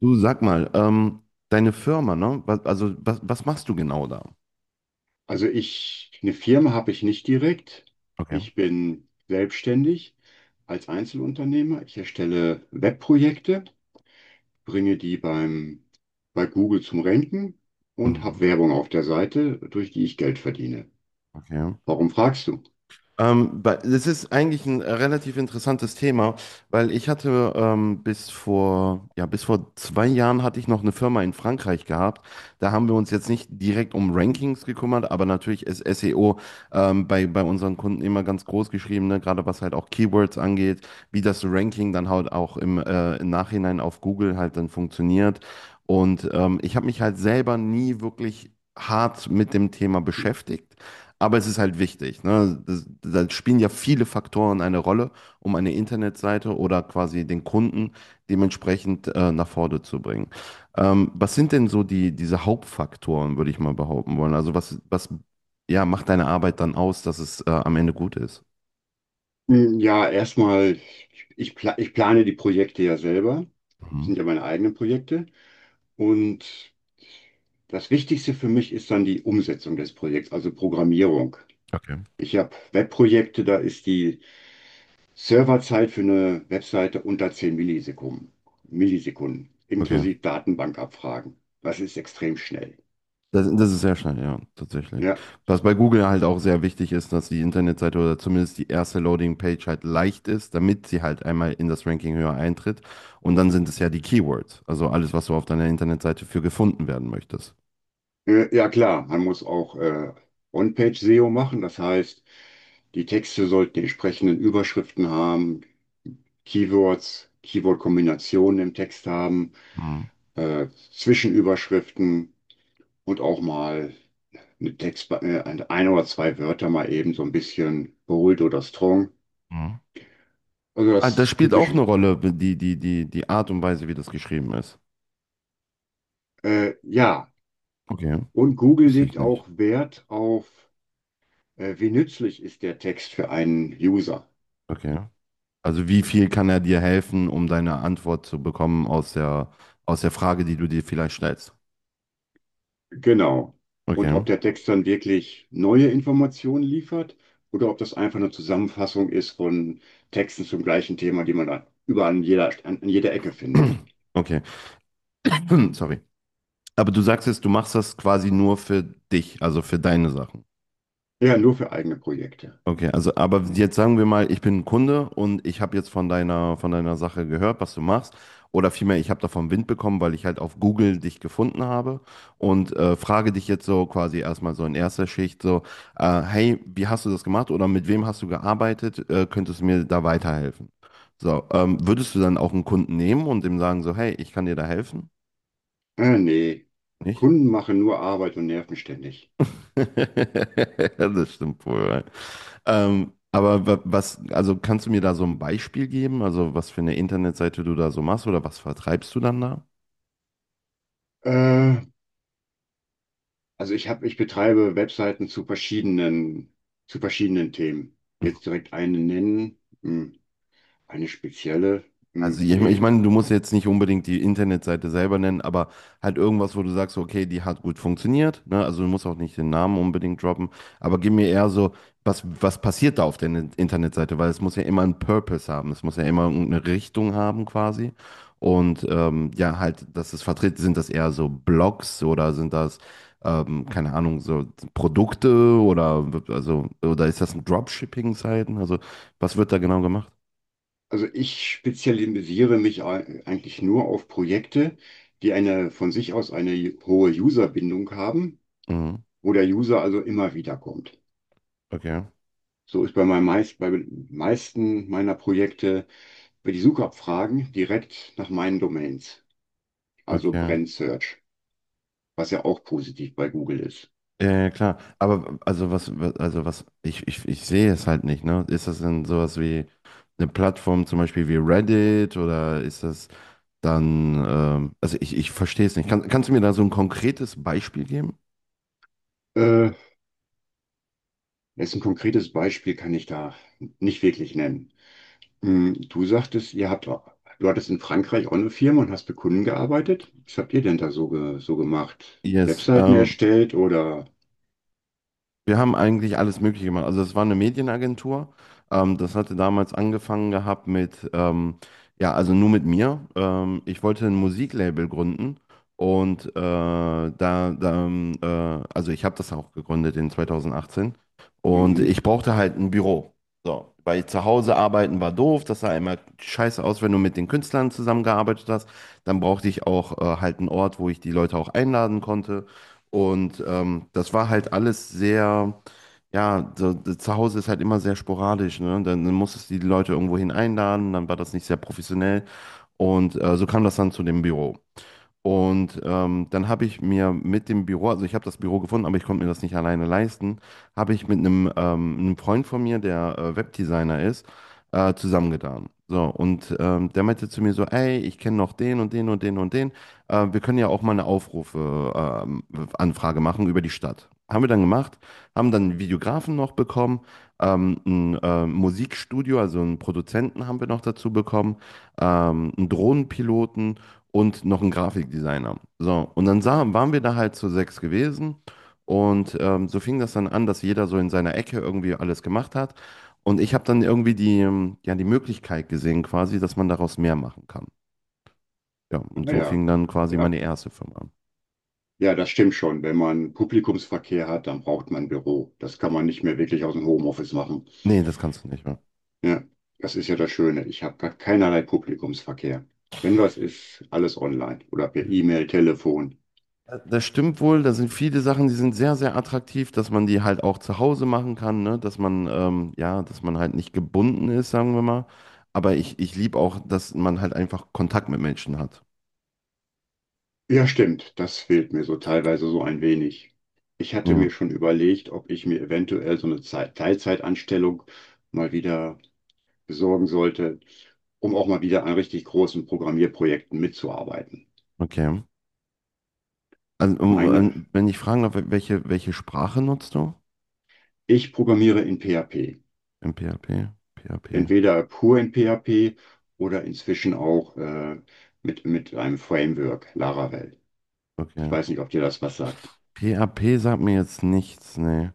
Du sag mal, deine Firma, ne? Was machst du genau da? Also eine Firma habe ich nicht direkt. Okay. Ich bin selbstständig als Einzelunternehmer. Ich erstelle Webprojekte, bringe die beim, bei Google zum Ranken und habe Mhm. Werbung auf der Seite, durch die ich Geld verdiene. Okay. Warum fragst du? Das ist eigentlich ein relativ interessantes Thema, weil ich hatte bis vor zwei Jahren hatte ich noch eine Firma in Frankreich gehabt. Da haben wir uns jetzt nicht direkt um Hm, Rankings gekümmert, aber natürlich ist SEO bei unseren Kunden immer ganz groß geschrieben, ne? Gerade was halt auch Keywords angeht, wie das Ranking dann halt auch im Nachhinein auf Google halt dann funktioniert. Und ich habe mich halt selber nie wirklich hart mit dem Thema hm. beschäftigt. Aber es ist halt wichtig. Ne? Da spielen ja viele Faktoren eine Rolle, um eine Internetseite oder quasi den Kunden dementsprechend nach vorne zu bringen. Was sind denn so diese Hauptfaktoren, würde ich mal behaupten wollen? Also was ja, macht deine Arbeit dann aus, dass es am Ende gut ist? Hm, ja, erstmal, ich plane die Projekte ja selber. Das Mhm. sind ja meine eigenen Projekte. Und das Wichtigste für mich ist dann die Umsetzung des Projekts, also Programmierung. Okay. Ich habe Webprojekte, da ist die Serverzeit für eine Webseite unter 10 Millisekunden, Okay. inklusive Datenbankabfragen. Das ist extrem schnell. Das ist sehr schnell, ja, tatsächlich. Ja, Was bei Google halt auch sehr wichtig ist, dass die Internetseite oder zumindest die erste Loading-Page halt leicht ist, damit sie halt einmal in das Ranking höher eintritt. Und dann sind es ja die Keywords, also alles, was du auf deiner Internetseite für gefunden werden möchtest. Ja klar, man muss auch On-Page-SEO machen, das heißt, die Texte sollten die entsprechenden Überschriften haben, Keywords, Keyword-Kombinationen im Text haben, Mhm. Zwischenüberschriften. Und auch mal mit Text ein oder zwei Wörter mal eben so ein bisschen bold oder strong. Mhm. Also Ah, das das spielt auch eine typische. Rolle, die Art und Weise, wie das geschrieben ist. Ja, Okay, und Google wusste ich legt nicht. auch Wert auf, wie nützlich ist der Text für einen User. Okay. Also wie viel kann er dir helfen, um deine Antwort zu bekommen aus der Frage, die du dir vielleicht stellst? Genau. Und ob Okay. der Text dann wirklich neue Informationen liefert oder ob das einfach eine Zusammenfassung ist von Texten zum gleichen Thema, die man dann überall an jeder Ecke findet. Okay. Hm, sorry. Aber du sagst jetzt, du machst das quasi nur für dich, also für deine Sachen. Ja, nur für eigene Projekte. Okay, also aber jetzt sagen wir mal, ich bin ein Kunde und ich habe jetzt von deiner Sache gehört, was du machst. Oder vielmehr, ich habe davon Wind bekommen, weil ich halt auf Google dich gefunden habe und frage dich jetzt so quasi erstmal so in erster Schicht so, hey, wie hast du das gemacht oder mit wem hast du gearbeitet? Könntest du mir da weiterhelfen? So, würdest du dann auch einen Kunden nehmen und dem sagen so, hey, ich kann dir da helfen? Nee, Nicht? Kunden machen nur Arbeit und nerven ständig. Das stimmt wohl. Ja. Aber wa- was, also kannst du mir da so ein Hm. Beispiel geben? Also was für eine Internetseite du da so machst oder was vertreibst du dann da? Äh, also ich habe, ich betreibe Webseiten zu verschiedenen Themen. Jetzt direkt eine nennen, hm, eine spezielle, Also hm, ich nee. meine, du musst jetzt nicht unbedingt die Internetseite selber nennen, aber halt irgendwas, wo du sagst, okay, die hat gut funktioniert, ne? Also du musst auch nicht den Namen unbedingt droppen, aber gib mir eher so, was passiert da auf der Internetseite, weil es muss ja immer einen Purpose haben, es muss ja immer irgendeine Richtung haben quasi. Und ja, halt, dass es vertreten, sind das eher so Blogs oder sind das, keine Ahnung, so Produkte oder also, oder ist das ein Dropshipping-Seiten? Also was wird da genau gemacht? Also ich spezialisiere mich eigentlich nur auf Projekte, die eine von sich aus eine hohe Userbindung haben, Mhm. wo der User also immer wieder kommt. Okay, So ist bei meisten meiner Projekte für die Suchabfragen direkt nach meinen Domains, also okay. Brand Search, was ja auch positiv bei Google ist. Ja, ja, klar. Aber also ich sehe es halt nicht, ne? Ist das denn sowas wie eine Plattform zum Beispiel wie Reddit oder ist das dann, ähm, also ich verstehe es nicht. Kannst du mir da so ein konkretes Beispiel geben? Äh, Jetzt ein konkretes Beispiel kann ich da nicht wirklich nennen. Du sagtest, du hattest in Frankreich auch eine Firma und hast mit Kunden gearbeitet. Was habt ihr denn da so, so gemacht? Yes. Webseiten erstellt oder? Wir haben eigentlich alles Mögliche gemacht. Also es war eine Medienagentur. Das hatte damals angefangen gehabt mit ja, also nur mit mir. Ich wollte ein Musiklabel gründen und da, da ähm, äh, also ich habe das auch gegründet in 2018 und Mhm. ich brauchte halt ein Büro. So, weil zu Hause arbeiten war doof, das sah immer scheiße aus, wenn du mit den Künstlern zusammengearbeitet hast. Dann brauchte ich auch halt einen Ort, wo ich die Leute auch einladen konnte. Und das war halt alles sehr, ja, so, so zu Hause ist halt immer sehr sporadisch, ne? Dann musstest du die Leute irgendwohin einladen, dann war das nicht sehr professionell. Und so kam das dann zu dem Büro. Und dann habe ich mir mit dem Büro, also ich habe das Büro gefunden, aber ich konnte mir das nicht alleine leisten, habe ich mit einem Freund von mir, der Webdesigner ist, zusammengetan. So, und der meinte zu mir so, ey, ich kenne noch den und den und den und den. Wir können ja auch mal eine ähm, Anfrage machen über die Stadt. Haben wir dann gemacht, haben dann einen Videografen noch bekommen, ein Musikstudio, also einen Produzenten haben wir noch dazu bekommen, einen Drohnenpiloten und noch ein Grafikdesigner. So, und waren wir da halt zu sechs gewesen und so fing das dann an, dass jeder so in seiner Ecke irgendwie alles gemacht hat. Und ich habe dann irgendwie ja, die Möglichkeit gesehen, quasi, dass man daraus mehr machen kann. Ja, und Naja, so ja. fing dann quasi Ja, meine erste Firma an. ja, das stimmt schon. Wenn man Publikumsverkehr hat, dann braucht man ein Büro. Das kann man nicht mehr wirklich aus dem Homeoffice machen. Nee, das kannst du nicht mehr. Ja, das ist ja das Schöne. Ich habe gar keinerlei Publikumsverkehr. Wenn was ist, alles online oder per E-Mail, Telefon. Das stimmt wohl, da sind viele Sachen, die sind sehr, sehr attraktiv, dass man die halt auch zu Hause machen kann, ne? Dass man ja, dass man halt nicht gebunden ist, sagen wir mal. Aber ich liebe auch, dass man halt einfach Kontakt mit Menschen hat. Ja, stimmt, das fehlt mir so teilweise so ein wenig. Ich hatte Ja, mir schon überlegt, ob ich mir eventuell so eine Teilzeitanstellung mal wieder besorgen sollte, um auch mal wieder an richtig großen Programmierprojekten mitzuarbeiten. okay. Meine, Wenn ich fragen darf, welche Sprache nutzt du Ich programmiere in PHP, im PHP? P, P H P, entweder pur in PHP oder inzwischen auch mit einem Framework, Laravel. Ich okay. weiß nicht, ob dir das was sagt. P H P sagt mir jetzt nichts, nee.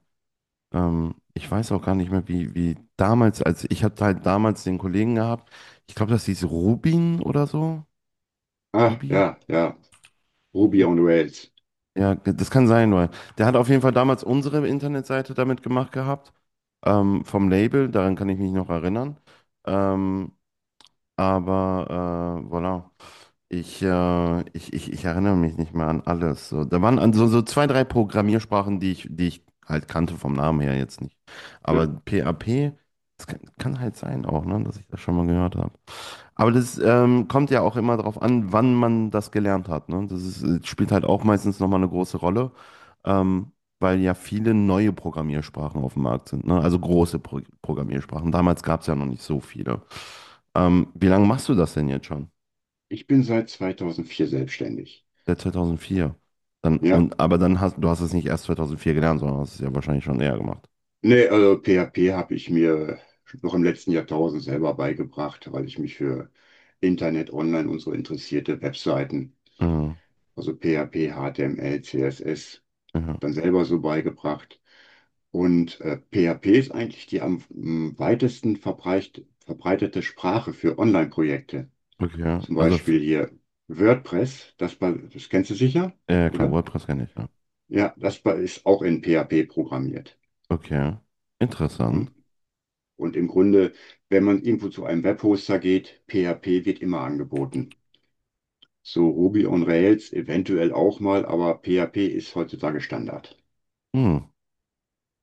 Ich weiß auch gar nicht mehr, wie damals, als ich hatte halt damals den Kollegen gehabt, ich glaube, das hieß Rubin oder so. Ah, Rubi? ja, ja. Ruby Ru on Rails. ja, das kann sein, weil der hat auf jeden Fall damals unsere Internetseite damit gemacht gehabt, vom Label, daran kann ich mich noch erinnern. Ähm, Aber voilà. Ich erinnere mich nicht mehr an alles. So, da waren also so so zwei, drei Programmiersprachen, die ich halt kannte vom Namen her jetzt nicht. Ja. Aber PHP, das kann halt sein auch, ne, dass ich das schon mal gehört habe. Aber das kommt ja auch immer darauf an, wann man das gelernt hat. Ne? Das ist, spielt halt auch meistens nochmal eine große Rolle ähm, weil ja viele neue Programmiersprachen auf dem Markt sind, ne? Also große Programmiersprachen. Damals gab es ja noch nicht so viele. Wie lange machst du das denn jetzt schon? Ich bin seit 2004 selbstständig. Seit 2004. Dann, Ja. und, aber dann hast du hast es nicht erst 2004 gelernt, sondern hast es ja wahrscheinlich schon eher gemacht. Nee, also PHP habe ich mir noch im letzten Jahrtausend selber beigebracht, weil ich mich für Internet, Online und so interessierte Webseiten, Mhm. also PHP, HTML, CSS, Ja, dann selber so beigebracht. Und PHP ist eigentlich die am weitesten verbreitete Sprache für Online-Projekte. okay. Zum Beispiel hier WordPress, das kennst du sicher, Ja ja, klar, oder? WordPress kenne ich, ja. Ja, das ist auch in PHP programmiert. Okay. Interessant. Und, und im Grunde, wenn man irgendwo zu einem Webhoster geht, PHP wird immer angeboten. So Ruby on Rails eventuell auch mal, aber PHP ist heutzutage Standard. Hm.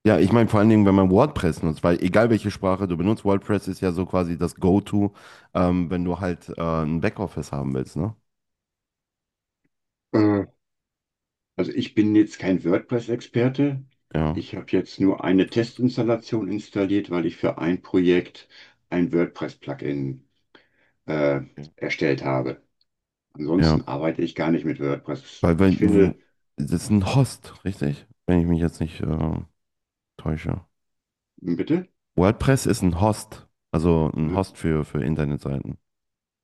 Ja, ich meine vor allen Dingen, wenn man WordPress nutzt, weil egal welche Sprache du benutzt, WordPress ist ja so quasi das Go-To, wenn du halt ein Backoffice haben willst, ne? Äh, Also ich bin jetzt kein WordPress-Experte. Ja, Ich habe jetzt nur eine Testinstallation installiert, weil ich für ein Projekt ein WordPress-Plugin äh, ja. erstellt habe. Ja. Ansonsten arbeite ich gar nicht mit WordPress. Weil, Ich weil, wo- finde, Das ist ein Host, richtig? Wenn ich mich jetzt nicht täusche. Bitte? WordPress ist ein Host, also ein W- Host für Internetseiten.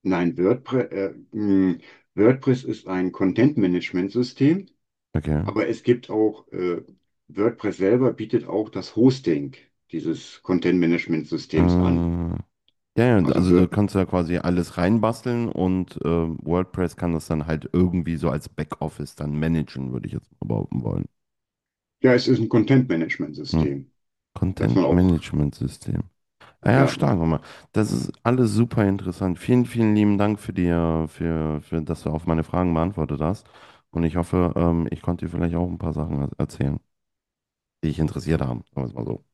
Nein, WordPress, WordPress ist ein Content-Management-System, Okay. aber es gibt auch, WordPress selber bietet auch das Hosting dieses Content-Management-Systems an. Äh, ja, ja, Also, also du kannst da quasi alles reinbasteln und WordPress kann das dann halt irgendwie so als Backoffice dann managen, würde ich jetzt mal behaupten wollen. ja, es ist ein Hm. Content-Management-System, dass man Content auch, Management System. Ah ja, ja, stark, Oma. Das ist alles super interessant. Vielen, vielen lieben Dank für dass du auf meine Fragen beantwortet hast. Und ich hoffe, ich konnte dir vielleicht auch ein paar Sachen erzählen, die dich interessiert haben. Sagen wir es mal so.